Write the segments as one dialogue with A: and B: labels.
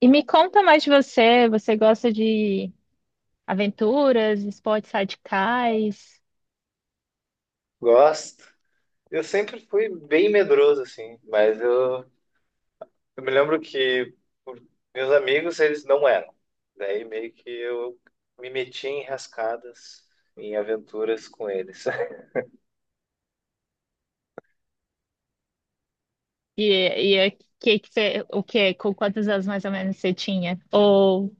A: E me conta mais de você. Você gosta de aventuras, esportes radicais?
B: Gosto. Eu sempre fui bem medroso, assim, mas eu me lembro que por- meus amigos, eles não eram. Daí meio que eu me meti em rascadas, em aventuras com eles.
A: E, e é- que você, o que, com quantos anos mais ou menos você tinha? Ou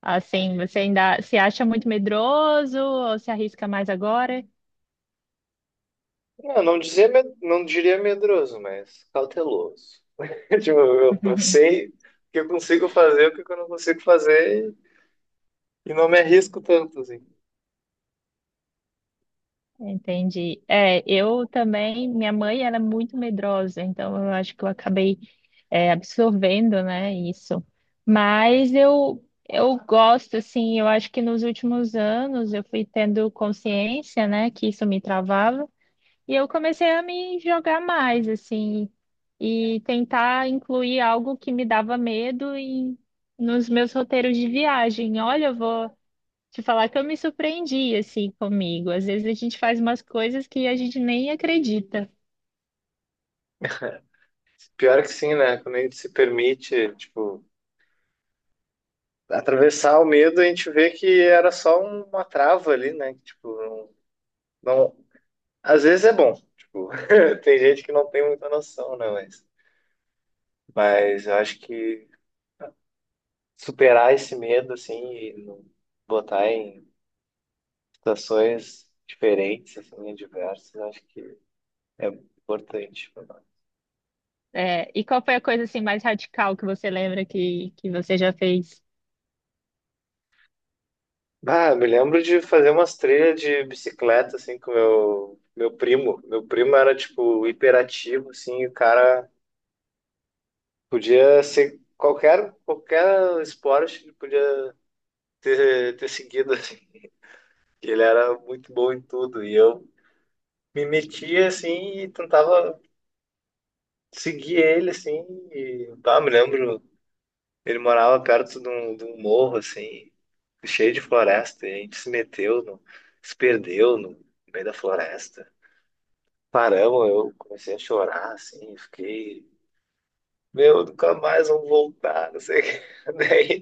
A: assim, você ainda se acha muito medroso ou se arrisca mais agora?
B: Não diria medroso, mas cauteloso. Tipo, eu sei o que eu consigo fazer, o que eu não consigo fazer, e não me arrisco tanto, assim.
A: Entendi. É, eu também, minha mãe era muito medrosa, então eu acho que eu acabei absorvendo, né, isso. Mas eu gosto, assim, eu acho que nos últimos anos eu fui tendo consciência, né, que isso me travava, e eu comecei a me jogar mais, assim, e tentar incluir algo que me dava nos meus roteiros de viagem. Olha, eu vou te falar que eu me surpreendi assim comigo. Às vezes a gente faz umas coisas que a gente nem acredita.
B: Pior que sim, né? Quando a gente se permite, tipo, atravessar o medo, a gente vê que era só uma trava ali, né? Que, tipo, não, não- às vezes é bom. Tipo, tem gente que não tem muita noção, né? Mas eu acho que superar esse medo, assim, e não botar em situações diferentes, assim, diversas, eu acho que é importante pra nós.
A: É, e qual foi a coisa assim mais radical que você lembra que você já fez?
B: Ah, eu me lembro de fazer umas trilhas de bicicleta, assim, com meu primo. Meu primo era, tipo, hiperativo, assim, o cara podia ser qualquer esporte, ele podia ter seguido, assim. Ele era muito bom em tudo. E eu me metia, assim, e tentava seguir ele, assim. E, pá, me lembro, ele morava perto de um morro, assim, cheio de floresta. E a gente se perdeu no meio da floresta. Paramos, eu comecei a chorar, assim, fiquei... Meu, nunca mais vou voltar, não sei o que. Daí,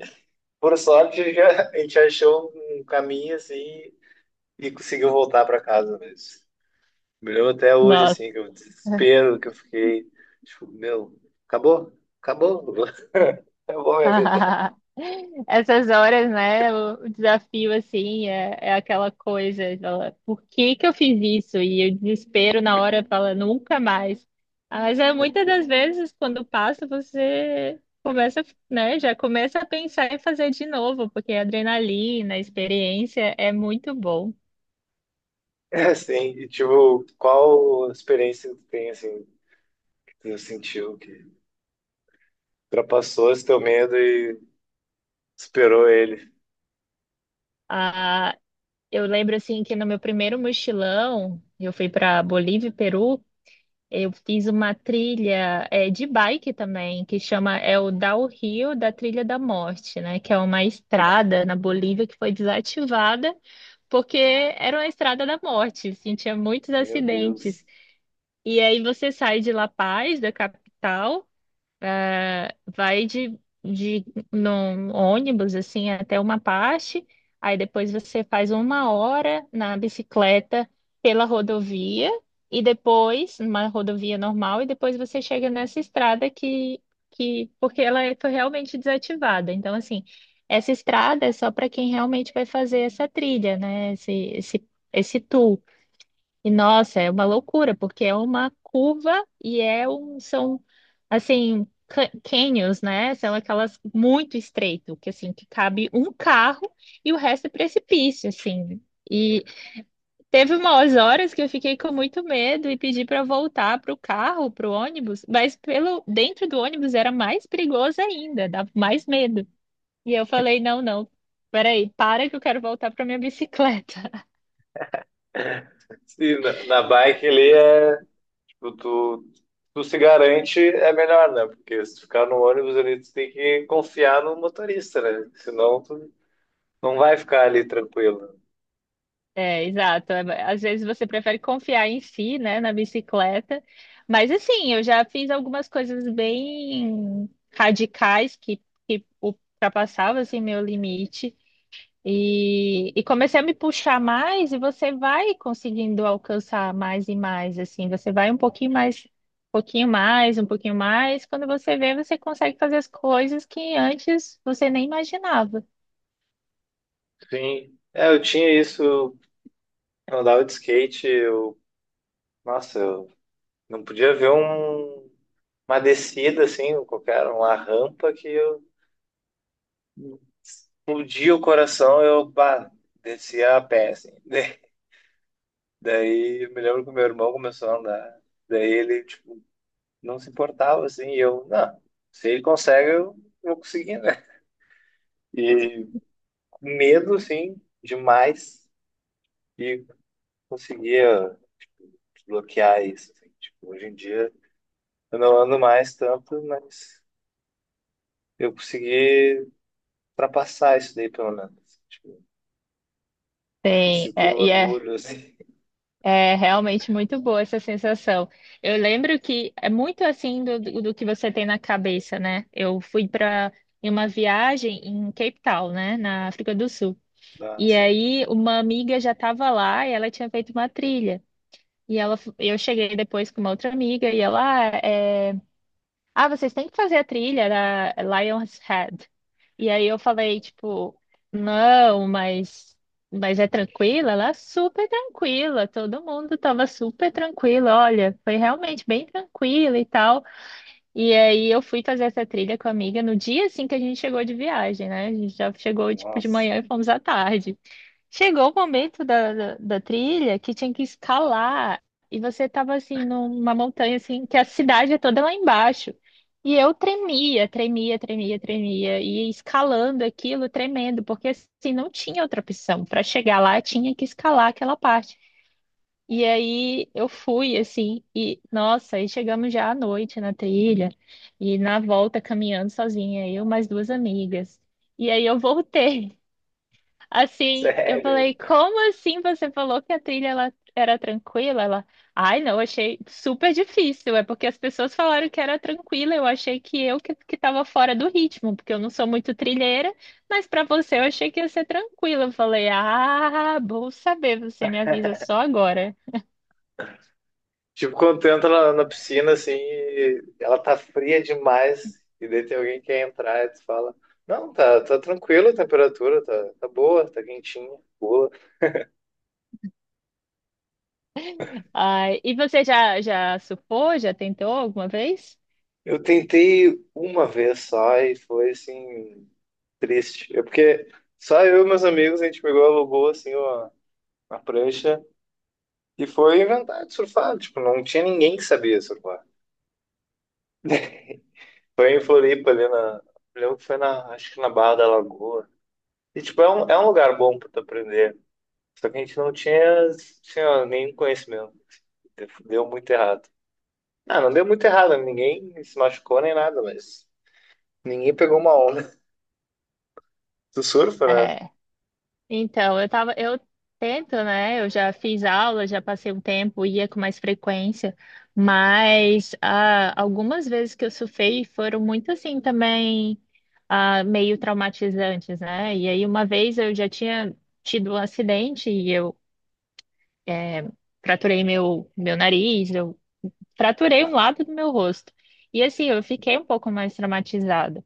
B: por sorte, a gente achou um caminho assim e conseguiu voltar para casa mesmo. Me lembro até hoje,
A: Nossa.
B: assim, que o desespero que eu fiquei. Tipo, meu, acabou, acabou, acabou minha vida.
A: Essas horas, né? O desafio, assim, é, é aquela coisa, fala, por que que eu fiz isso? E o desespero na hora fala, nunca mais. Ah, mas é muitas das
B: Assim,
A: vezes, quando passa, você começa, né? Já começa a pensar em fazer de novo, porque a adrenalina, a experiência é muito bom.
B: assim, e tipo, qual experiência que tu tem, assim, que tu sentiu que ultrapassou esse teu medo e superou ele?
A: Ah, eu lembro, assim, que no meu primeiro mochilão, eu fui para Bolívia e Peru. Eu fiz uma trilha de bike também, que chama o Downhill da Trilha da Morte, né? Que é uma estrada na Bolívia que foi desativada porque era uma estrada da morte, assim, tinha muitos
B: Meu
A: acidentes.
B: Deus.
A: E aí você sai de La Paz, da capital, vai de num ônibus assim até uma parte, aí depois você faz uma hora na bicicleta pela rodovia e depois numa rodovia normal e depois você chega nessa estrada que foi realmente desativada. Então assim, essa estrada é só para quem realmente vai fazer essa trilha, né? Esse tour. E nossa, é uma loucura, porque é uma curva e é um, são assim, canyons, né? São aquelas muito estreito, que assim, que cabe um carro e o resto é precipício, assim. E teve umas horas que eu fiquei com muito medo e pedi para voltar pro carro, pro ônibus, mas pelo dentro do ônibus era mais perigoso ainda, dava mais medo. E eu falei, não, não, peraí, para que eu quero voltar para minha bicicleta.
B: Sim, na, na bike ali é. tu, tu, tu se garante é melhor, né? Porque se tu ficar no ônibus ali, tu tem que confiar no motorista, né? Senão tu não vai ficar ali tranquilo.
A: É, exato. É, às vezes você prefere confiar em si, né, na bicicleta. Mas assim, eu já fiz algumas coisas bem radicais que ultrapassavam assim, meu limite. E comecei a me puxar mais, e você vai conseguindo alcançar mais e mais, assim, você vai um pouquinho mais, um pouquinho mais, um pouquinho mais. Quando você vê, você consegue fazer as coisas que antes você nem imaginava.
B: Sim. É, eu tinha isso, eu andava de skate, eu, nossa, eu não podia ver um, uma descida assim, qualquer, uma rampa que eu explodia o coração, eu, pá, descia a pé, assim. Daí eu me lembro que o meu irmão começou a andar. Daí ele, tipo, não se importava, assim, e eu, não, se ele consegue, eu vou conseguir, né? E medo, assim, demais, e conseguia tipo, bloquear isso, assim, tipo, hoje em dia eu não ando mais tanto, mas eu consegui ultrapassar isso daí, pelo menos. Tipo, eu
A: Tem,
B: sinto
A: é, e é
B: orgulho, assim,
A: É realmente muito boa essa sensação. Eu lembro que é muito assim do que você tem na cabeça, né? Eu fui para uma viagem em Cape Town, né, na África do Sul.
B: ah,
A: E
B: assim,
A: aí uma amiga já estava lá e ela tinha feito uma trilha. E ela, eu cheguei depois com uma outra amiga e ela: vocês têm que fazer a trilha da Lion's Head. E aí eu falei, tipo, não, mas é tranquila? Ela é super tranquila, todo mundo tava super tranquilo, olha, foi realmente bem tranquila e tal. E aí eu fui fazer essa trilha com a amiga no dia assim que a gente chegou de viagem, né? A gente já chegou, tipo, de
B: nossa,
A: manhã e fomos à tarde. Chegou o momento da trilha que tinha que escalar e você estava assim numa montanha assim que a cidade é toda lá embaixo. E eu tremia, tremia, tremia, tremia e escalando aquilo, tremendo, porque assim não tinha outra opção. Para chegar lá tinha que escalar aquela parte. E aí eu fui assim e nossa, aí chegamos já à noite na trilha e na volta caminhando sozinha, eu mais duas amigas. E aí eu voltei. Assim, eu
B: sério.
A: falei, como assim você falou que a trilha ela era tranquila? Ela, ai, não, achei super difícil. É porque as pessoas falaram que era tranquila, eu achei que que tava fora do ritmo, porque eu não sou muito trilheira, mas pra você eu achei que ia ser tranquila. Eu falei, ah, bom saber, você me avisa só agora.
B: Tipo, quando tu entra na, na piscina, assim, e ela tá fria demais, e daí tem alguém que quer entrar, e tu fala, não, tá, tá tranquilo a temperatura, tá, tá boa, tá quentinha, boa.
A: Ai, e você já surfou? Já tentou alguma vez?
B: Eu tentei uma vez só e foi, assim, triste. É porque só eu e meus amigos, a gente pegou, alugou, assim, uma prancha, e foi inventar de surfar, tipo, não tinha ninguém que sabia surfar. Foi em Floripa, ali na, eu lembro que foi na, acho que na Barra da Lagoa. E, tipo, é um lugar bom pra tu aprender. Só que a gente não tinha, tinha nenhum conhecimento. Deu muito errado. Ah, não deu muito errado, ninguém se machucou nem nada, mas ninguém pegou uma onda. Tu surfa, né?
A: É. Então, eu tento, né? Eu já fiz aula, já passei um tempo, ia com mais frequência, mas ah, algumas vezes que eu surfei foram muito assim também, ah, meio traumatizantes, né? E aí uma vez eu já tinha tido um acidente e eu eh, fraturei meu nariz, eu fraturei um
B: Ah,
A: lado do meu rosto. E assim, eu fiquei um pouco mais traumatizada.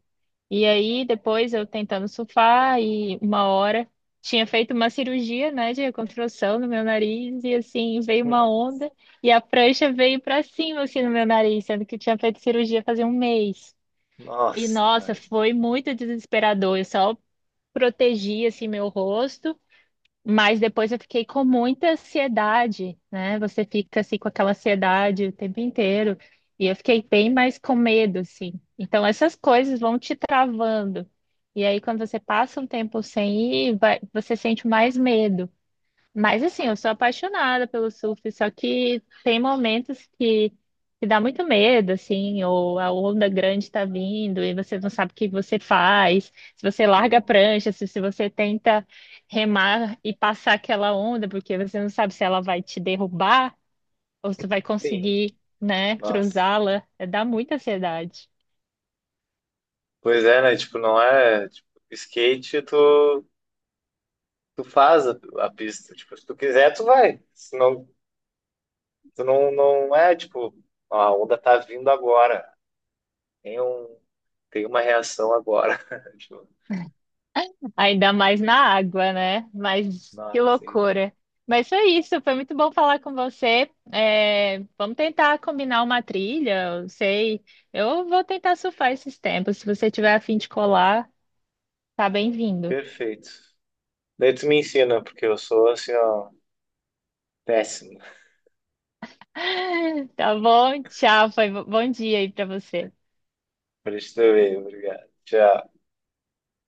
A: E aí, depois eu tentando surfar e uma hora tinha feito uma cirurgia, né, de reconstrução no meu nariz e assim veio uma
B: não.
A: onda e a prancha veio para cima assim no meu nariz, sendo que eu tinha feito cirurgia fazia um mês. E
B: Nossa,
A: nossa,
B: né?
A: foi muito desesperador. Eu só protegi assim meu rosto, mas depois eu fiquei com muita ansiedade, né? Você fica assim com aquela ansiedade o tempo inteiro. E eu fiquei bem mais com medo, assim. Então essas coisas vão te travando. E aí, quando você passa um tempo sem ir, você sente mais medo. Mas assim, eu sou apaixonada pelo surf, só que tem momentos que dá muito medo, assim, ou a onda grande está vindo e você não sabe o que você faz, se você larga a
B: Uhum.
A: prancha, se você tenta remar e passar aquela onda, porque você não sabe se ela vai te derrubar ou se vai
B: Sim.
A: conseguir, né,
B: Nossa.
A: cruzá-la. É, dá muita ansiedade.
B: Pois é, né? Tipo, não é. Tipo, skate, tu, tu faz a pista. Tipo, se tu quiser, tu vai. Senão, tu não, não é, tipo, ó, a onda tá vindo agora. Tem um, tem uma reação agora. Tipo,
A: Ainda mais na água, né? Mas que
B: nossa,
A: loucura. Mas foi isso, foi muito bom falar com você. É, vamos tentar combinar uma trilha, eu sei. Eu vou tentar surfar esses tempos. Se você tiver a fim de colar, tá bem-vindo.
B: perfeito. Daí tu me ensina, porque eu sou assim, ó, péssimo.
A: Tá bom? Tchau, bom dia aí pra você.
B: Pra gente ver, obrigado. Tchau.